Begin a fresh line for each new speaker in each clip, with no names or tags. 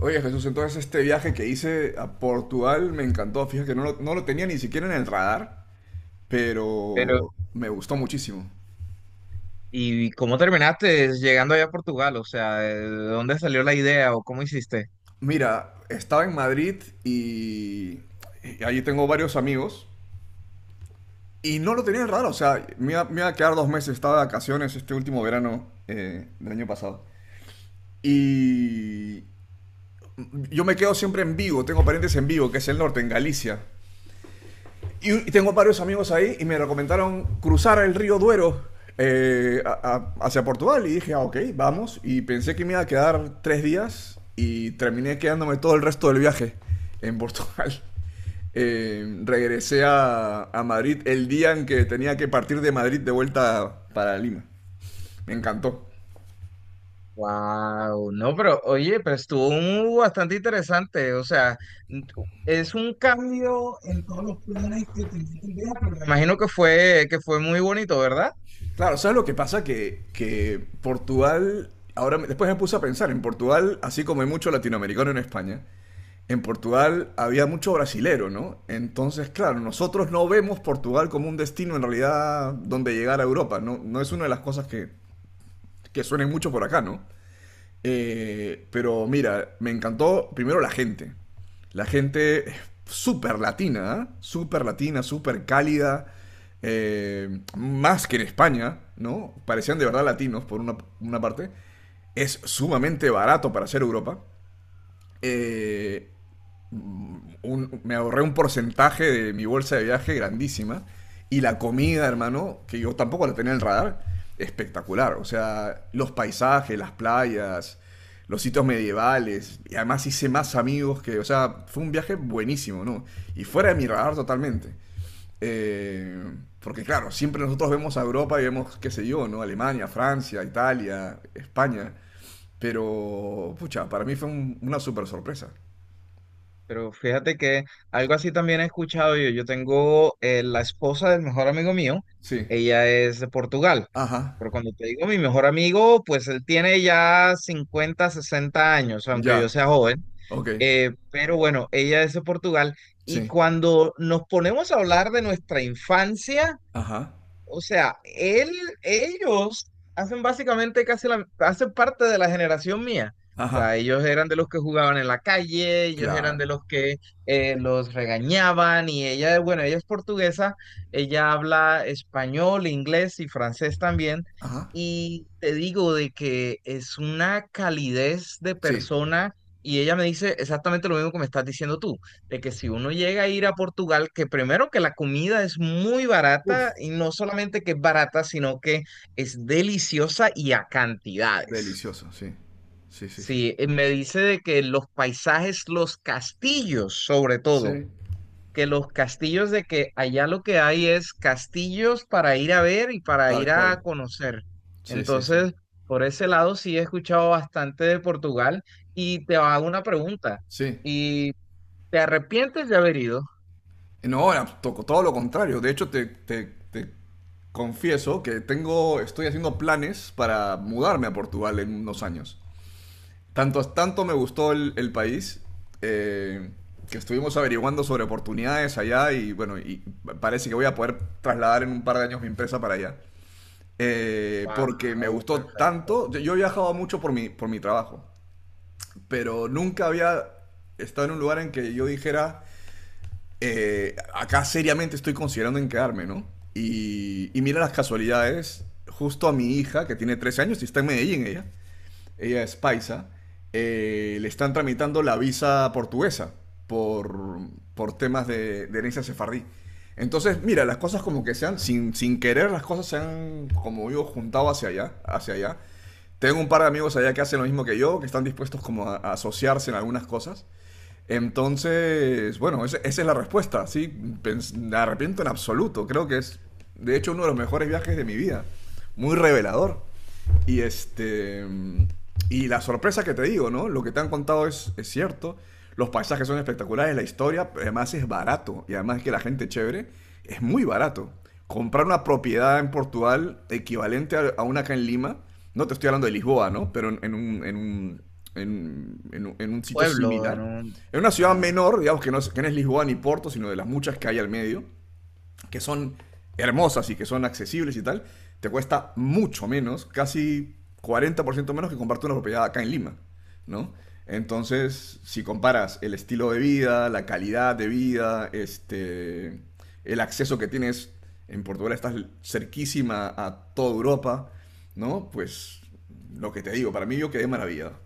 Oye Jesús, entonces este viaje que hice a Portugal me encantó. Fíjate que no lo tenía ni siquiera en el radar,
Pero,
pero me gustó muchísimo.
¿y cómo terminaste llegando allá a Portugal? O sea, ¿de dónde salió la idea o cómo hiciste?
Mira, estaba en Madrid y allí tengo varios amigos y no lo tenía en el radar. O sea, me iba a quedar 2 meses, estaba de vacaciones este último verano del año pasado. Y yo me quedo siempre en Vigo, tengo parientes en Vigo, que es el norte, en Galicia. Y tengo varios amigos ahí y me recomendaron cruzar el río Duero hacia Portugal. Y dije, ah, ok, vamos. Y pensé que me iba a quedar 3 días y terminé quedándome todo el resto del viaje en Portugal. Regresé a Madrid el día en que tenía que partir de Madrid de vuelta para Lima. Me encantó.
Wow, no, pero oye, pero estuvo bastante interesante. O sea, n- es un cambio, me imagino que fue muy bonito, ¿verdad?
Claro, ¿sabes lo que pasa? Que Portugal, ahora después me puse a pensar, en Portugal, así como hay mucho latinoamericano en España, en Portugal había mucho brasilero, ¿no? Entonces, claro, nosotros no vemos Portugal como un destino en realidad donde llegar a Europa, ¿no? No es una de las cosas que suenen mucho por acá, ¿no? Pero mira, me encantó primero la gente. La gente es súper latina, ¿eh? Súper latina, súper cálida. Más que en España, ¿no? Parecían de verdad latinos por una parte. Es sumamente barato para hacer Europa. Eh, Me ahorré un porcentaje de mi bolsa de viaje grandísima. Y la comida, hermano, que yo tampoco la tenía en el radar, espectacular. O sea, los paisajes, las playas, los sitios medievales. Y además hice más amigos o sea, fue un viaje buenísimo, ¿no? Y fuera de mi radar totalmente. Eh, Porque claro, siempre nosotros vemos a Europa y vemos, qué sé yo, ¿no? Alemania, Francia, Italia, España. Pero, pucha, para mí fue una super sorpresa.
Pero fíjate que algo así también he escuchado yo. Yo tengo la esposa del mejor amigo mío,
Sí.
ella es de Portugal.
Ajá.
Pero cuando te digo mi mejor amigo, pues él tiene ya 50, 60 años, aunque
Ya,
yo sea joven.
ok,
Pero bueno, ella es de Portugal y
sí,
cuando nos ponemos a hablar de nuestra infancia,
ajá,
o sea, ellos hacen básicamente hacen parte de la generación mía. O sea,
ajá,
ellos eran de los que jugaban en la calle, ellos eran
claro,
de los que los regañaban y ella, bueno, ella es portuguesa, ella habla español, inglés y francés también.
ajá,
Y te digo de que es una calidez de
sí,
persona y ella me dice exactamente lo mismo que me estás diciendo tú de que si uno llega a ir a Portugal, que primero que la comida es muy
uf,
barata y no solamente que es barata, sino que es deliciosa y a cantidades.
delicioso, sí, sí, sí, sí, sí,
Sí, me dice de que los paisajes, los castillos sobre
sí,
todo, que los castillos de que allá lo que hay es castillos para ir a ver y para ir
tal cual,
a conocer.
sí, sí, sí,
Entonces, por ese lado sí he escuchado bastante de Portugal y te hago una pregunta.
sí,
¿Y te arrepientes de haber ido?
no, ahora toco todo lo contrario, de hecho te confieso que tengo, estoy haciendo planes para mudarme a Portugal en unos años. Tanto me gustó el país, eh, que estuvimos averiguando sobre oportunidades allá y bueno, y parece que voy a poder trasladar en un par de años mi empresa para allá. Porque me
Wow,
gustó
perfecto.
tanto, yo he viajado mucho por por mi trabajo, pero nunca había estado en un lugar en que yo dijera, acá seriamente estoy considerando en quedarme, ¿no? Y mira las casualidades, justo a mi hija, que tiene 13 años y está en Medellín ella, ella es paisa, le están tramitando la visa portuguesa por, por temas de herencia sefardí. Entonces, mira, las cosas como que sean, sin querer, las cosas se han, como digo, juntado hacia allá, hacia allá. Tengo un par de amigos allá que hacen lo mismo que yo, que están dispuestos como a asociarse en algunas cosas. Entonces, bueno, esa es la respuesta, sí. Me arrepiento en absoluto. Creo que es, de hecho, uno de los mejores viajes de mi vida. Muy revelador. Y este. Y la sorpresa que te digo, ¿no? Lo que te han contado es cierto. Los paisajes son espectaculares, la historia, además es barato. Y además es que la gente es chévere, es muy barato. Comprar una propiedad en Portugal equivalente a una acá en Lima, no te estoy hablando de Lisboa, ¿no? Pero en un sitio
Pueblo en
similar,
un.
en una ciudad
Ajá.
menor, digamos que no es Lisboa ni Porto, sino de las muchas que hay al medio, que son hermosas y que son accesibles y tal, te cuesta mucho menos, casi 40% menos que comprarte una propiedad acá en Lima, ¿no? Entonces, si comparas el estilo de vida, la calidad de vida, este, el acceso que tienes en Portugal, estás cerquísima a toda Europa, ¿no? Pues lo que te digo, para mí yo quedé maravillado.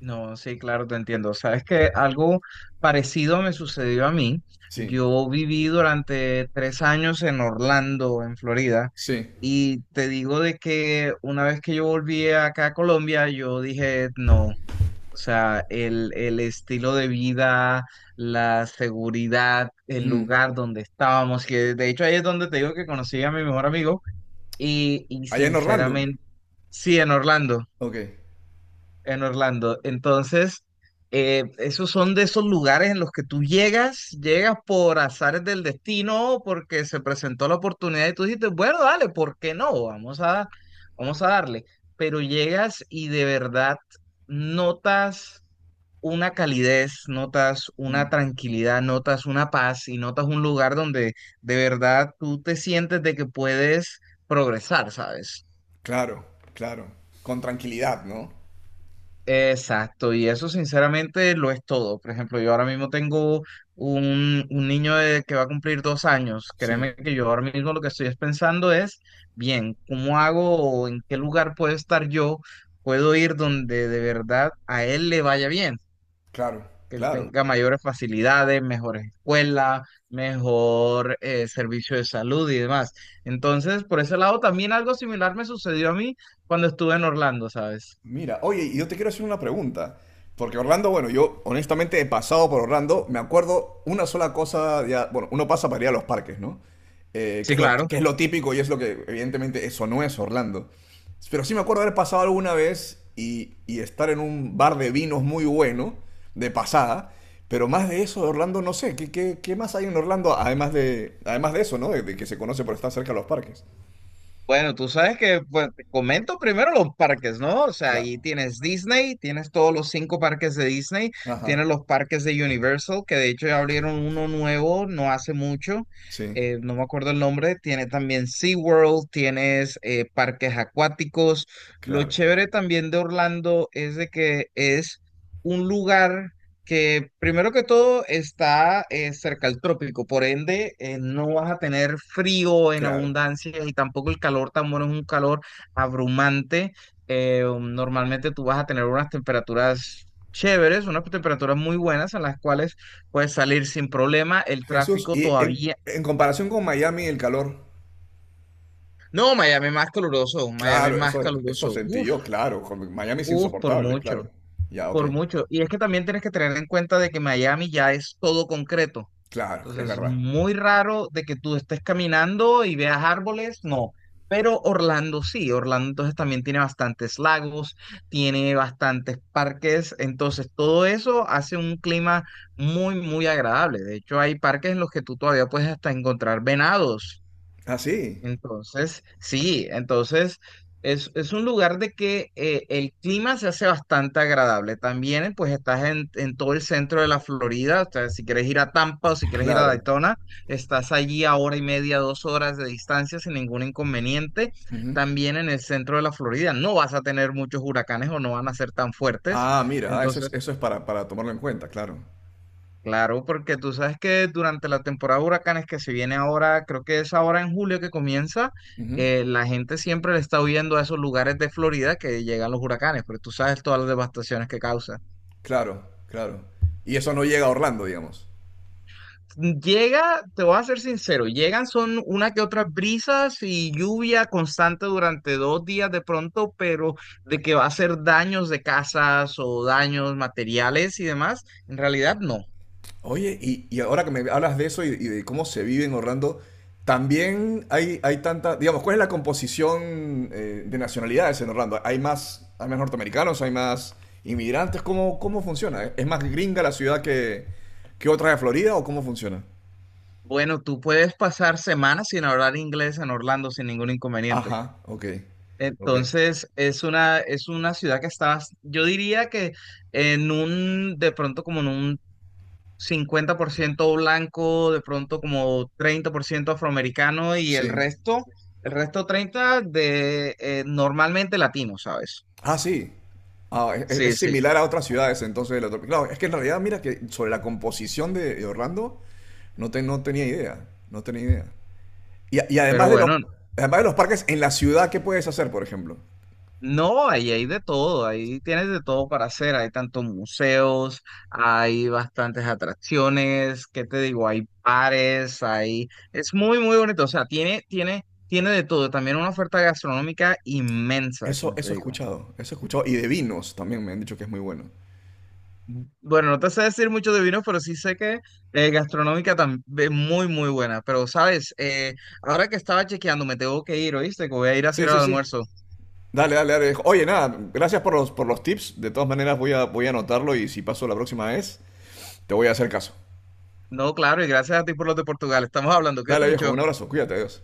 No, sí, claro, te entiendo. Sabes que algo parecido me sucedió a mí.
Sí.
Yo viví durante 3 años en Orlando, en Florida,
Sí.
y te digo de que una vez que yo volví acá a Colombia, yo dije, no, o sea, el estilo de vida, la seguridad, el
Mm.
lugar donde estábamos, que de hecho ahí es donde te digo que conocí a mi mejor amigo. Y
Allá en Orlando.
sinceramente, sí, en Orlando,
Ok.
en Orlando. Entonces, esos son de esos lugares en los que tú llegas, llegas por azares del destino, porque se presentó la oportunidad y tú dijiste, bueno, dale, ¿por qué no? Vamos a darle. Pero llegas y de verdad notas una calidez, notas una
Mm.
tranquilidad, notas una paz y notas un lugar donde de verdad tú te sientes de que puedes progresar, ¿sabes?
Claro, claro. Con tranquilidad, ¿no?
Exacto, y eso sinceramente lo es todo. Por ejemplo, yo ahora mismo tengo un niño que va a cumplir 2 años.
Sí,
Créeme que yo ahora mismo lo que estoy es pensando es, bien, ¿cómo hago o en qué lugar puedo estar yo? Puedo ir donde de verdad a él le vaya bien,
claro,
que él
claro.
tenga mayores facilidades, mejores escuelas, mejor servicio de salud y demás. Entonces, por ese lado, también algo similar me sucedió a mí cuando estuve en Orlando, ¿sabes?
Mira, oye, y yo te quiero hacer una pregunta. Porque Orlando, bueno, yo honestamente he pasado por Orlando, me acuerdo una sola cosa, ya, bueno, uno pasa para ir a los parques, ¿no? Que
Sí,
es
claro.
que es lo típico y es lo que evidentemente eso no es Orlando. Pero sí me acuerdo haber pasado alguna vez y estar en un bar de vinos muy bueno, de pasada, pero más de eso de Orlando no sé, qué más hay en Orlando además de eso? ¿No? De que se conoce por estar cerca de los parques.
Bueno, tú sabes que, pues, te comento primero los parques, ¿no? O sea,
Claro.
ahí tienes Disney, tienes todos los cinco parques de Disney, tienes
Ajá,
los parques de Universal, que de hecho ya abrieron uno nuevo no hace mucho,
sí,
no me acuerdo el nombre, tiene también SeaWorld, tienes parques acuáticos. Lo
claro,
chévere también de Orlando es de que es un lugar que primero que todo está cerca al trópico, por ende no vas a tener frío en
claro.
abundancia y tampoco el calor tan bueno, es un calor abrumante. Normalmente tú vas a tener unas temperaturas chéveres, unas temperaturas muy buenas en las cuales puedes salir sin problema. El
Jesús,
tráfico
y
todavía.
en comparación con Miami, el calor,
No, Miami más caluroso, Miami
claro,
más
eso
caluroso.
sentí
Uf,
yo, claro, con Miami es
uf, por
insoportable,
mucho,
claro. Ya, ok,
por mucho. Y es que también tienes que tener en cuenta de que Miami ya es todo concreto.
claro, es
Entonces, es
verdad.
muy raro de que tú estés caminando y veas árboles, no. Pero Orlando sí, Orlando entonces también tiene bastantes lagos, tiene bastantes parques, entonces todo eso hace un clima muy, muy agradable. De hecho, hay parques en los que tú todavía puedes hasta encontrar venados.
Ah, sí,
Entonces, sí, entonces es un lugar de que el clima se hace bastante agradable. También, pues estás en todo el centro de la Florida, o sea, si quieres ir a Tampa o si quieres ir a
claro.
Daytona, estás allí a hora y media, 2 horas de distancia sin ningún inconveniente.
Ujú.
También en el centro de la Florida no vas a tener muchos huracanes o no van a ser tan fuertes.
Ah, mira, ah,
Entonces,
eso es para tomarlo en cuenta, claro.
claro, porque tú sabes que durante la temporada de huracanes que se viene ahora, creo que es ahora en julio que comienza,
Ujú.
la gente siempre le está huyendo a esos lugares de Florida que llegan los huracanes, porque tú sabes todas las devastaciones que causa.
Claro, claro. Y eso no llega a Orlando, digamos.
Llega, te voy a ser sincero, llegan son una que otras brisas y lluvia constante durante 2 días de pronto, pero de que va a hacer daños de casas o daños materiales y demás, en realidad no.
Oye, y ahora que me hablas de eso y de cómo se vive en Orlando, también hay tanta, digamos, ¿cuál es la composición de nacionalidades en Orlando? Hay más norteamericanos, hay más inmigrantes? Cómo funciona? ¿Es más gringa la ciudad que otra de Florida o cómo funciona?
Bueno, tú puedes pasar semanas sin hablar inglés en Orlando sin ningún inconveniente.
Ajá, ok, ok,
Entonces, es una ciudad que está, yo diría que de pronto como en un 50% blanco, de pronto como 30% afroamericano y el
sí.
resto, el resto 30 de normalmente latino, ¿sabes?
Ah, sí. Ah,
Sí,
es
sí.
similar a otras ciudades, entonces. Claro, es que en realidad, mira que sobre la composición de Orlando, no tenía idea, no tenía idea. Y, y
Pero
además de los,
bueno.
además de los parques, en la ciudad, ¿qué puedes hacer, por ejemplo?
No, ahí hay de todo, ahí tienes de todo para hacer, hay tantos museos, hay bastantes atracciones, ¿qué te digo? Hay bares, hay. Es muy, muy bonito, o sea, tiene de todo, también una oferta gastronómica inmensa, como te
Eso he
digo.
escuchado, eso he escuchado. Y de vinos también me han dicho que es muy bueno.
Bueno, no te sé decir mucho de vinos, pero sí sé que gastronómica también muy, muy buena, pero sabes, ahora que estaba chequeando, me tengo que ir, ¿oíste? Que voy a ir a
Sí,
hacer el
sí, sí.
almuerzo.
Dale, dale, dale. Oye, nada, gracias por por los tips. De todas maneras, voy a anotarlo y si paso la próxima vez, te voy a hacer caso.
No, claro, y gracias a ti por los de Portugal, estamos hablando, cuídate
Dale, viejo, un
mucho.
abrazo, cuídate, adiós.